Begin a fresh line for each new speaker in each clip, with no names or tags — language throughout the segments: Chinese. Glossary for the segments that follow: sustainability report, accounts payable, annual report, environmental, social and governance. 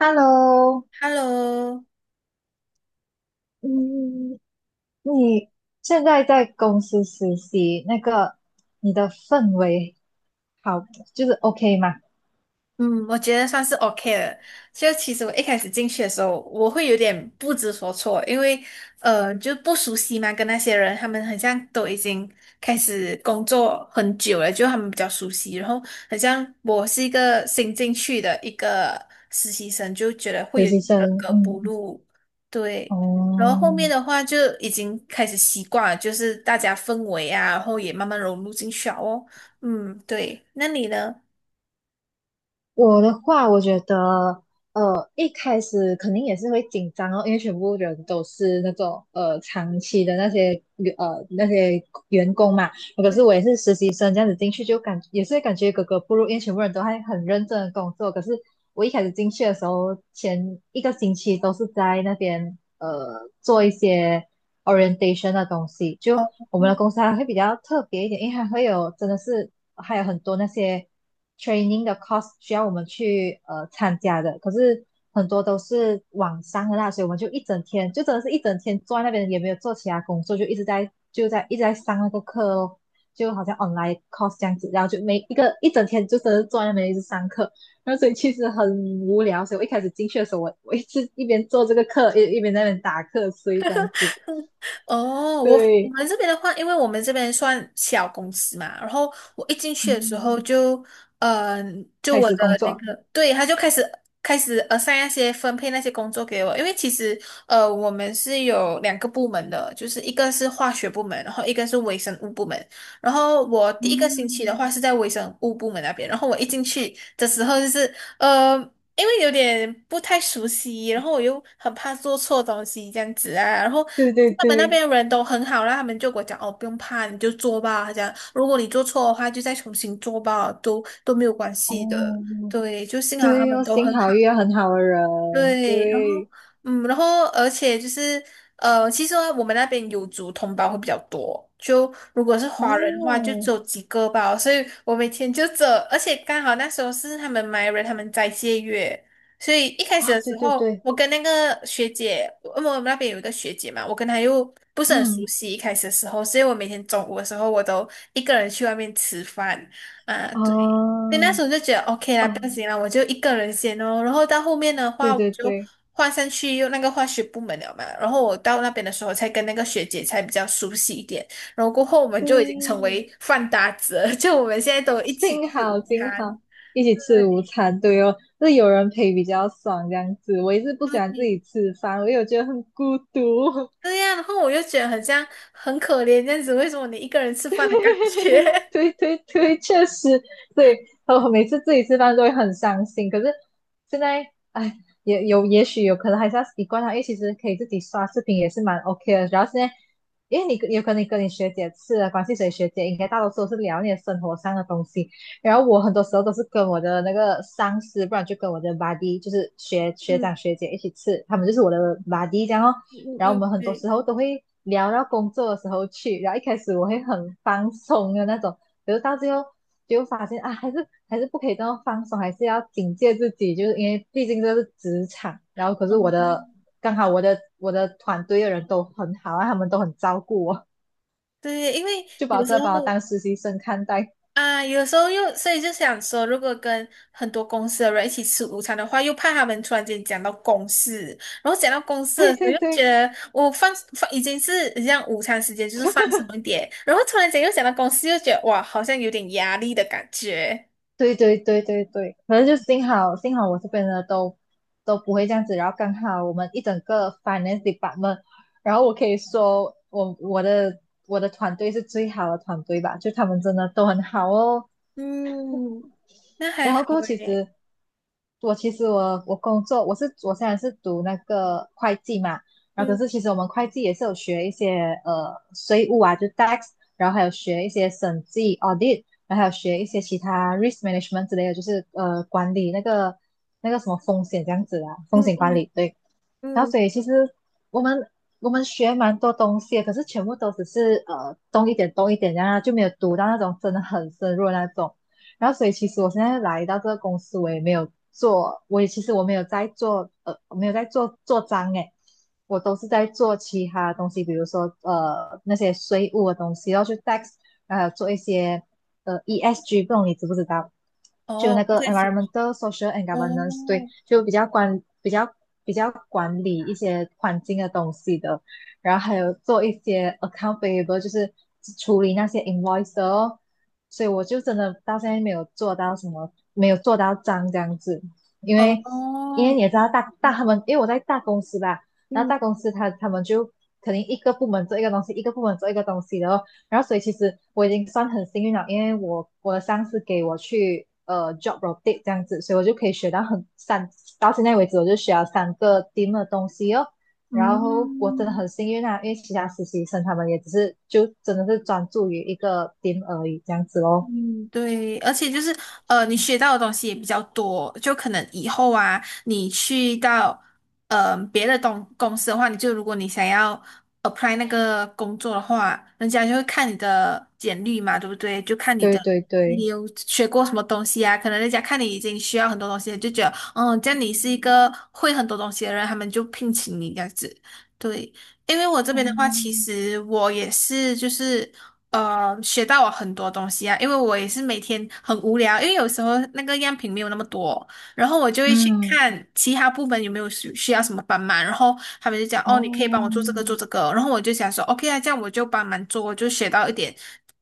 Hello，
Hello，
嗯，你现在在公司实习，那个你的氛围好，就是 OK 吗？
嗯，我觉得算是 OK 了。就其实我一开始进去的时候，我会有点不知所措，因为就不熟悉嘛，跟那些人他们很像都已经开始工作很久了，就他们比较熟悉。然后很像我是一个新进去的一个实习生，就觉得会
实
有
习
点格
生，
格不
嗯，
入。对，然后
哦，
后面的话就已经开始习惯了，就是大家氛围啊，然后也慢慢融入进去了哦。嗯，对，那你呢？
我的话，我觉得，一开始肯定也是会紧张哦，因为全部人都是那种长期的那些员工嘛，可是我
嗯
也是实习生这样子进去，就也是感觉格格不入，因为全部人都还很认真的工作。可是我一开始进去的时候，前一个星期都是在那边做一些 orientation 的东西。
哦
就我们的公司还会比较特别一点，因为还会有真的是还有很多那些 training 的 course 需要我们去参加的。可是很多都是网上的啦，所以我们就一整天，就真的是一整天坐在那边，也没有做其他工作，就一直在上那个课哦。就好像 online course 这样子，然后就每一个一整天就真的坐在那边一直上课，然后所以其实很无聊，所以我一开始进去的时候，我一直一边做这个课，一边在那边打瞌睡这样子。
哦，我
对，
们这边的话，因为我们这边算小公司嘛，然后我一进去的时候
嗯，
就，嗯、就
开
我
始
的
工
那
作，
个，对，他就开始 assign 分配那些工作给我，因为其实我们是有两个部门的，就是一个是化学部门，然后一个是微生物部门，然后我第一个星期的
嗯，
话是在微生物部门那边，然后我一进去的时候就是。呃，因为有点不太熟悉，然后我又很怕做错东西这样子啊。然后
对对
他们那
对，
边人都很好啦，他们就给我讲哦，不用怕，你就做吧。他讲如果你做错的话，就再重新做吧，都没有关系的。
哦，
对，就幸好他
对
们
哦，
都
幸
很好。
好遇到很好的人，
对，然后
对，
嗯，然后而且就是其实呢我们那边有族同胞会比较多，就如果是华人的话，就
哦，
只有几个吧，所以我每天就走，而且刚好那时候是他们 MR 人他们斋戒月，所以一开始
啊，
的
对
时
对
候，
对，
我跟那个学姐，因为我们那边有一个学姐嘛，我跟她又不是很熟
嗯，
悉，一开始的时候，所以我每天中午的时候，我都一个人去外面吃饭啊，对。
啊，
对，那时候就觉得 OK 啦，
啊，
不行啦，我就一个人先哦。然后到后面的话，
对
我
对
就
对
换上去用那个化学部门了嘛。然后我到那边的时候，才跟那个学姐才比较熟悉一点。然后过后，我们就已经成
对。
为饭搭子了，就我们现在都 一起
幸
吃
好
午
幸
餐。
好一起吃午
对，
餐，对哦，就是有人陪比较爽这样子。我一直不喜欢自己
对，
吃饭，我有觉得很孤独。
对呀。然后我就觉得很像很可怜这样子，为什么你一个人吃饭的感觉？
对对对，确实，对，我每次自己吃饭都会很伤心。可是现在，哎，也许有可能还是要习惯它，因为其实可以自己刷视频也是蛮 OK 的。主要是在，因为你有可能你跟你学姐吃的关系，所以学姐应该大多数都是聊你的生活上的东西。然后我很多时候都是跟我的那个上司，不然就跟我的 b u d y 就是学长
嗯
学姐一起吃，他们就是我的 b u d y 这样哦。
嗯
然后我
嗯，
们很多
对，
时候都会聊到工作的时候去，然后一开始我会很放松的那种，可是到最后就发现啊，还是不可以这么放松，还是要警戒自己，就是因为毕竟这是职场。然后可是我的
嗯，
刚好我的我的团队的人都很好啊，他们都很照顾我，
对，因为
就把
有时
这把我
候。
当实习生看待。
啊，有时候又，所以就想说，如果跟很多公司的人一起吃午餐的话，又怕他们突然间讲到公事，然后讲到公 事
对
的时候，
对
又觉
对
得我放已经是这样，午餐时间，就是放松一点，然后突然间又讲到公司，又觉得哇，好像有点压力的感觉。
对对对对对，可能就幸好幸好我这边呢都不会这样子，然后刚好我们一整个 finance department，然后我可以说我的团队是最好的团队吧，就他们真的都很好哦。
嗯那还
然后
好
过后其
诶，
实我其实我我工作我是我虽然是读那个会计嘛，然后可
嗯
是其实我们会计也是有学一些税务啊，就 tax，然后还有学一些审计 audit，然后还有学一些其他 risk management 之类的，就是管理那个什么风险这样子啊，风
嗯
险管
嗯
理对。然后
嗯
所以其实我们我们学蛮多东西的，可是全部都只是懂一点懂一点这样啊，然后就没有读到那种真的很深入的那种。然后所以其实我现在来到这个公司，我也没有做，我也其实我没有在做我没有在做做章诶，我都是在做其他东西，比如说那些税务的东西，然后去 tax，做一些ESG，不懂你知不知道？就
哦，
那
不
个
太清楚，
environmental, social and governance，对，
哦
就比较管理一些环境的东西的，然后还有做一些 account p a y b l e 就是处理那些 invoice 的哦，所以我就真的到现在没有做到什么，没有做到脏这样子，因
哦
为
哦，
你也知道他们，因为我在大公司吧，然后
嗯，
大公司他们就肯定一个部门做一个东西，一个部门做一个东西的哦，然后所以其实我已经算很幸运了，因为我的上司给我去job rotate 这样子，所以我就可以学到到现在为止我就学了三个 t e m 的东西哦，
嗯
然后我真的
嗯。
很幸运啊，因为其他实习生他们也只是就真的是专注于一个点而已，这样子咯。
嗯，对，而且就是你学到的东西也比较多，就可能以后啊，你去到别的东公司的话，你就如果你想要 apply 那个工作的话，人家就会看你的简历嘛，对不对？就看
对对
你
对，
有学过什么东西啊，可能人家看你已经需要很多东西了就觉得嗯，这样你是一个会很多东西的人，他们就聘请你这样子。对，因为我这边的话，其
嗯
实我也是就是。学到我很多东西啊，因为我也是每天很无聊，因为有时候那个样品没有那么多，然后我就会去
嗯
看其他部门有没有需要什么帮忙，然后他们就讲哦，你可以帮我
哦
做这个做这个，然后我就想说 OK 啊，这样我就帮忙做，我就学到一点，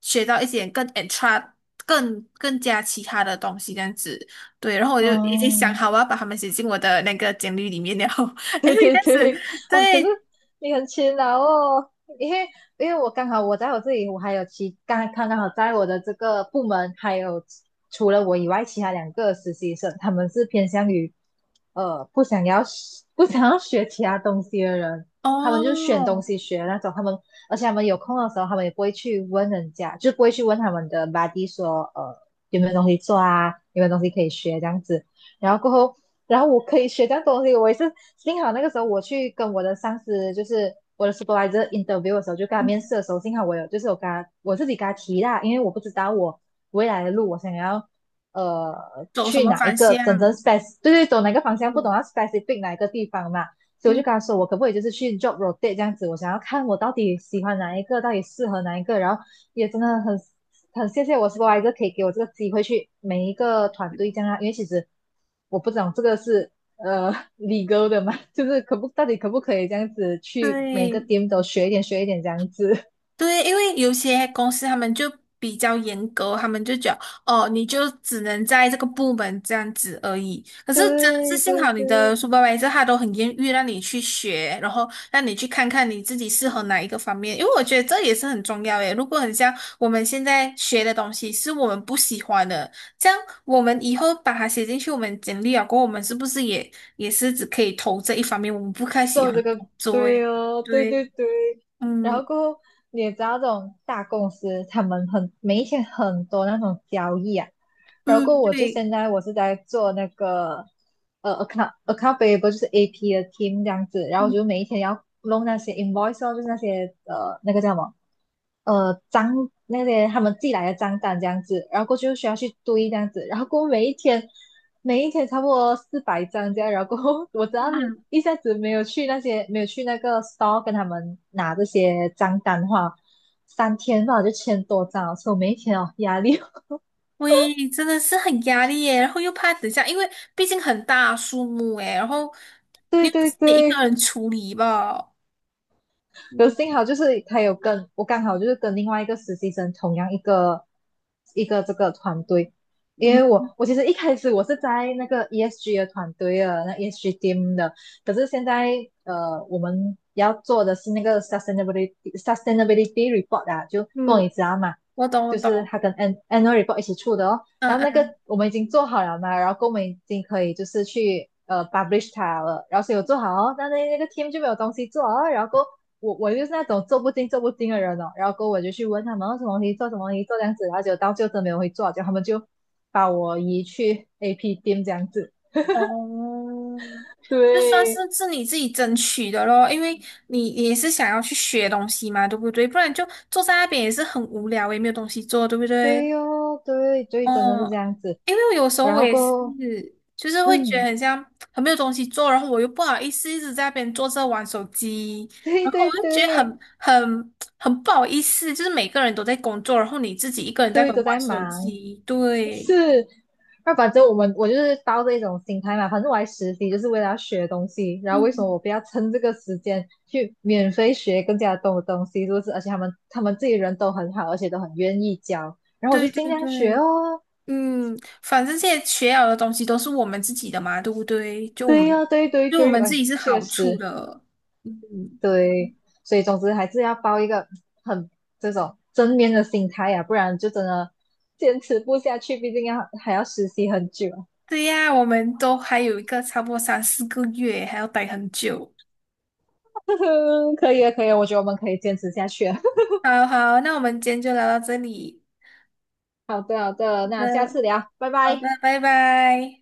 学到一点更 extra 更加其他的东西这样子，对，然后我就已经想
嗯，
好我要把他们写进我的那个简历里面了，后为这样子
哦，可是
对
你很勤劳哦，因为我刚好我在我这里，我还有其刚刚刚好在我的这个部门，还有除了我以外，其他两个实习生，他们是偏向于呃不想要不想要学其他东西的人，他们就选东
哦，
西学的那种，他们而且他们有空的时候，他们也不会去问人家，就不会去问他们的 b u d y 说有没有东西做啊，有没有东西可以学这样子，然后过后，然后我可以学这样东西。我也是幸好那个时候我去跟我的上司，就是我的 supervisor interview 的时候，就跟他面
嗯
试的时候，幸好我有就是我跟他我自己跟他提啦，因为我不知道我未来的路我想要呃
走什
去
么
哪一
方
个真
向？
正 spec，对对，走哪个方向，不
嗯
懂要 specific 哪一个地方嘛。所以我
嗯，
就跟他说，我可不可以就是去 job rotate 这样子？我想要看我到底喜欢哪一个，到底适合哪一个，然后也真的很谢谢我 s u p e r 可以给我这个机会去每一个团队这样啊，因为其实我不懂这个是呃 l 哥的嘛，就是可不到底可不可以这样子去每个
对
t e 都学一点学一点这样子。
对，因为有些公司他们就比较严格，他们就觉得哦，你就只能在这个部门这样子而已。可是真的是
对
幸
对
好你的
对，
s u p e r v i s o 他都很愿意让你去学，然后让你去看看你自己适合哪一个方面，因为我觉得这也是很重要诶。如果很像我们现在学的东西是我们不喜欢的，这样我们以后把它写进去我们简历了过后，我们是不是也是只可以投这一方面我们不太喜
做
欢
这
的工
个，
作
对
诶？
哦，对
对。
对对。然后
嗯，
过后，你也知道这种大公司，他们每一天很多那种交易啊。然后过
嗯，
后我就
对，
现在我是在做那个account payable 就是 AP 的 team 这样子，然后我
嗯，
就每一天要弄那些 invoice 哦就是那些那个叫什么呃张那些他们寄来的账单这样子，然后过去就需要去堆这样子，然后过后每一天差不多400张这样，然后过后我只要是
嗯，
一下子没有去那些没有去那个 store 跟他们拿这些账单的话，3天吧我就千多张了，所以我每一天哦压力哦，
喂，真的是很压力耶，然后又怕等一下，因为毕竟很大数目诶，然后 你
对
又不
对
是你一个
对，
人处理吧？嗯
幸好就是他有跟我刚好就是跟另外一个实习生同样一个这个团队，因
嗯
为我其实一开始我是在那个 ESG 的团队啊，那 ESG team 的，可是现在我们要做的是那个 sustainability report 啊，就够
嗯，
你知道嘛，
我懂我
就是
懂，
它跟 n u a l report 一起出的哦。
嗯
然后那个
嗯，
我们已经做好了嘛，然后我们已经可以就是去publish 它了，然后所以我做好哦，但那个 team 就没有东西做哦，然后我就是那种做不精做不精的人哦，然后过后我就去问他们哦什么东西做什么东西做这样子，然后就到最后真没有会做，结果他们就把我移去 AP 店这样子。
哦，就算是
对，
是你自己争取的咯，因为你也是想要去学东西嘛，对不对？不然就坐在那边也是很无聊，也没有东西做，对不对？
对哦，对对，真的是这
哦，
样子。
因为有时候
然
我
后
也
过
是，
后，
就是会觉得
嗯，
很像很没有东西做，然后我又不好意思一直在那边坐着玩手机，
对
然后
对
我就觉得
对，
很不好意思，就是每个人都在工作，然后你自己一个人在那
对
边
都
玩
在
手
忙。
机，对，
是，那反正我们我就是抱着一种心态嘛，反正我来实习就是为了要学东西，然后为什么
嗯，
我不要趁这个时间去免费学更加多的东西，是不是？而且他们自己人都很好，而且都很愿意教，然后我就
对
尽
对
量学
对，
哦。
嗯，反正这些学了的东西都是我们自己的嘛，对不对？就我
对
们
呀、对对
对我
对，
们自
哎，
己是
确
好处
实
的，嗯，
对，所以总之还是要抱一个很这种正面的心态呀、不然就真的坚持不下去，毕竟要还要实习很久啊。
对呀，我们都还有一个差不多3、4个月，还要待很久。
可以啊，可以啊，我觉得我们可以坚持下去啊。
好好，那我们今天就聊到这里。
好的，好的，
好
那下
的，
次聊，拜
好的，
拜。
拜拜。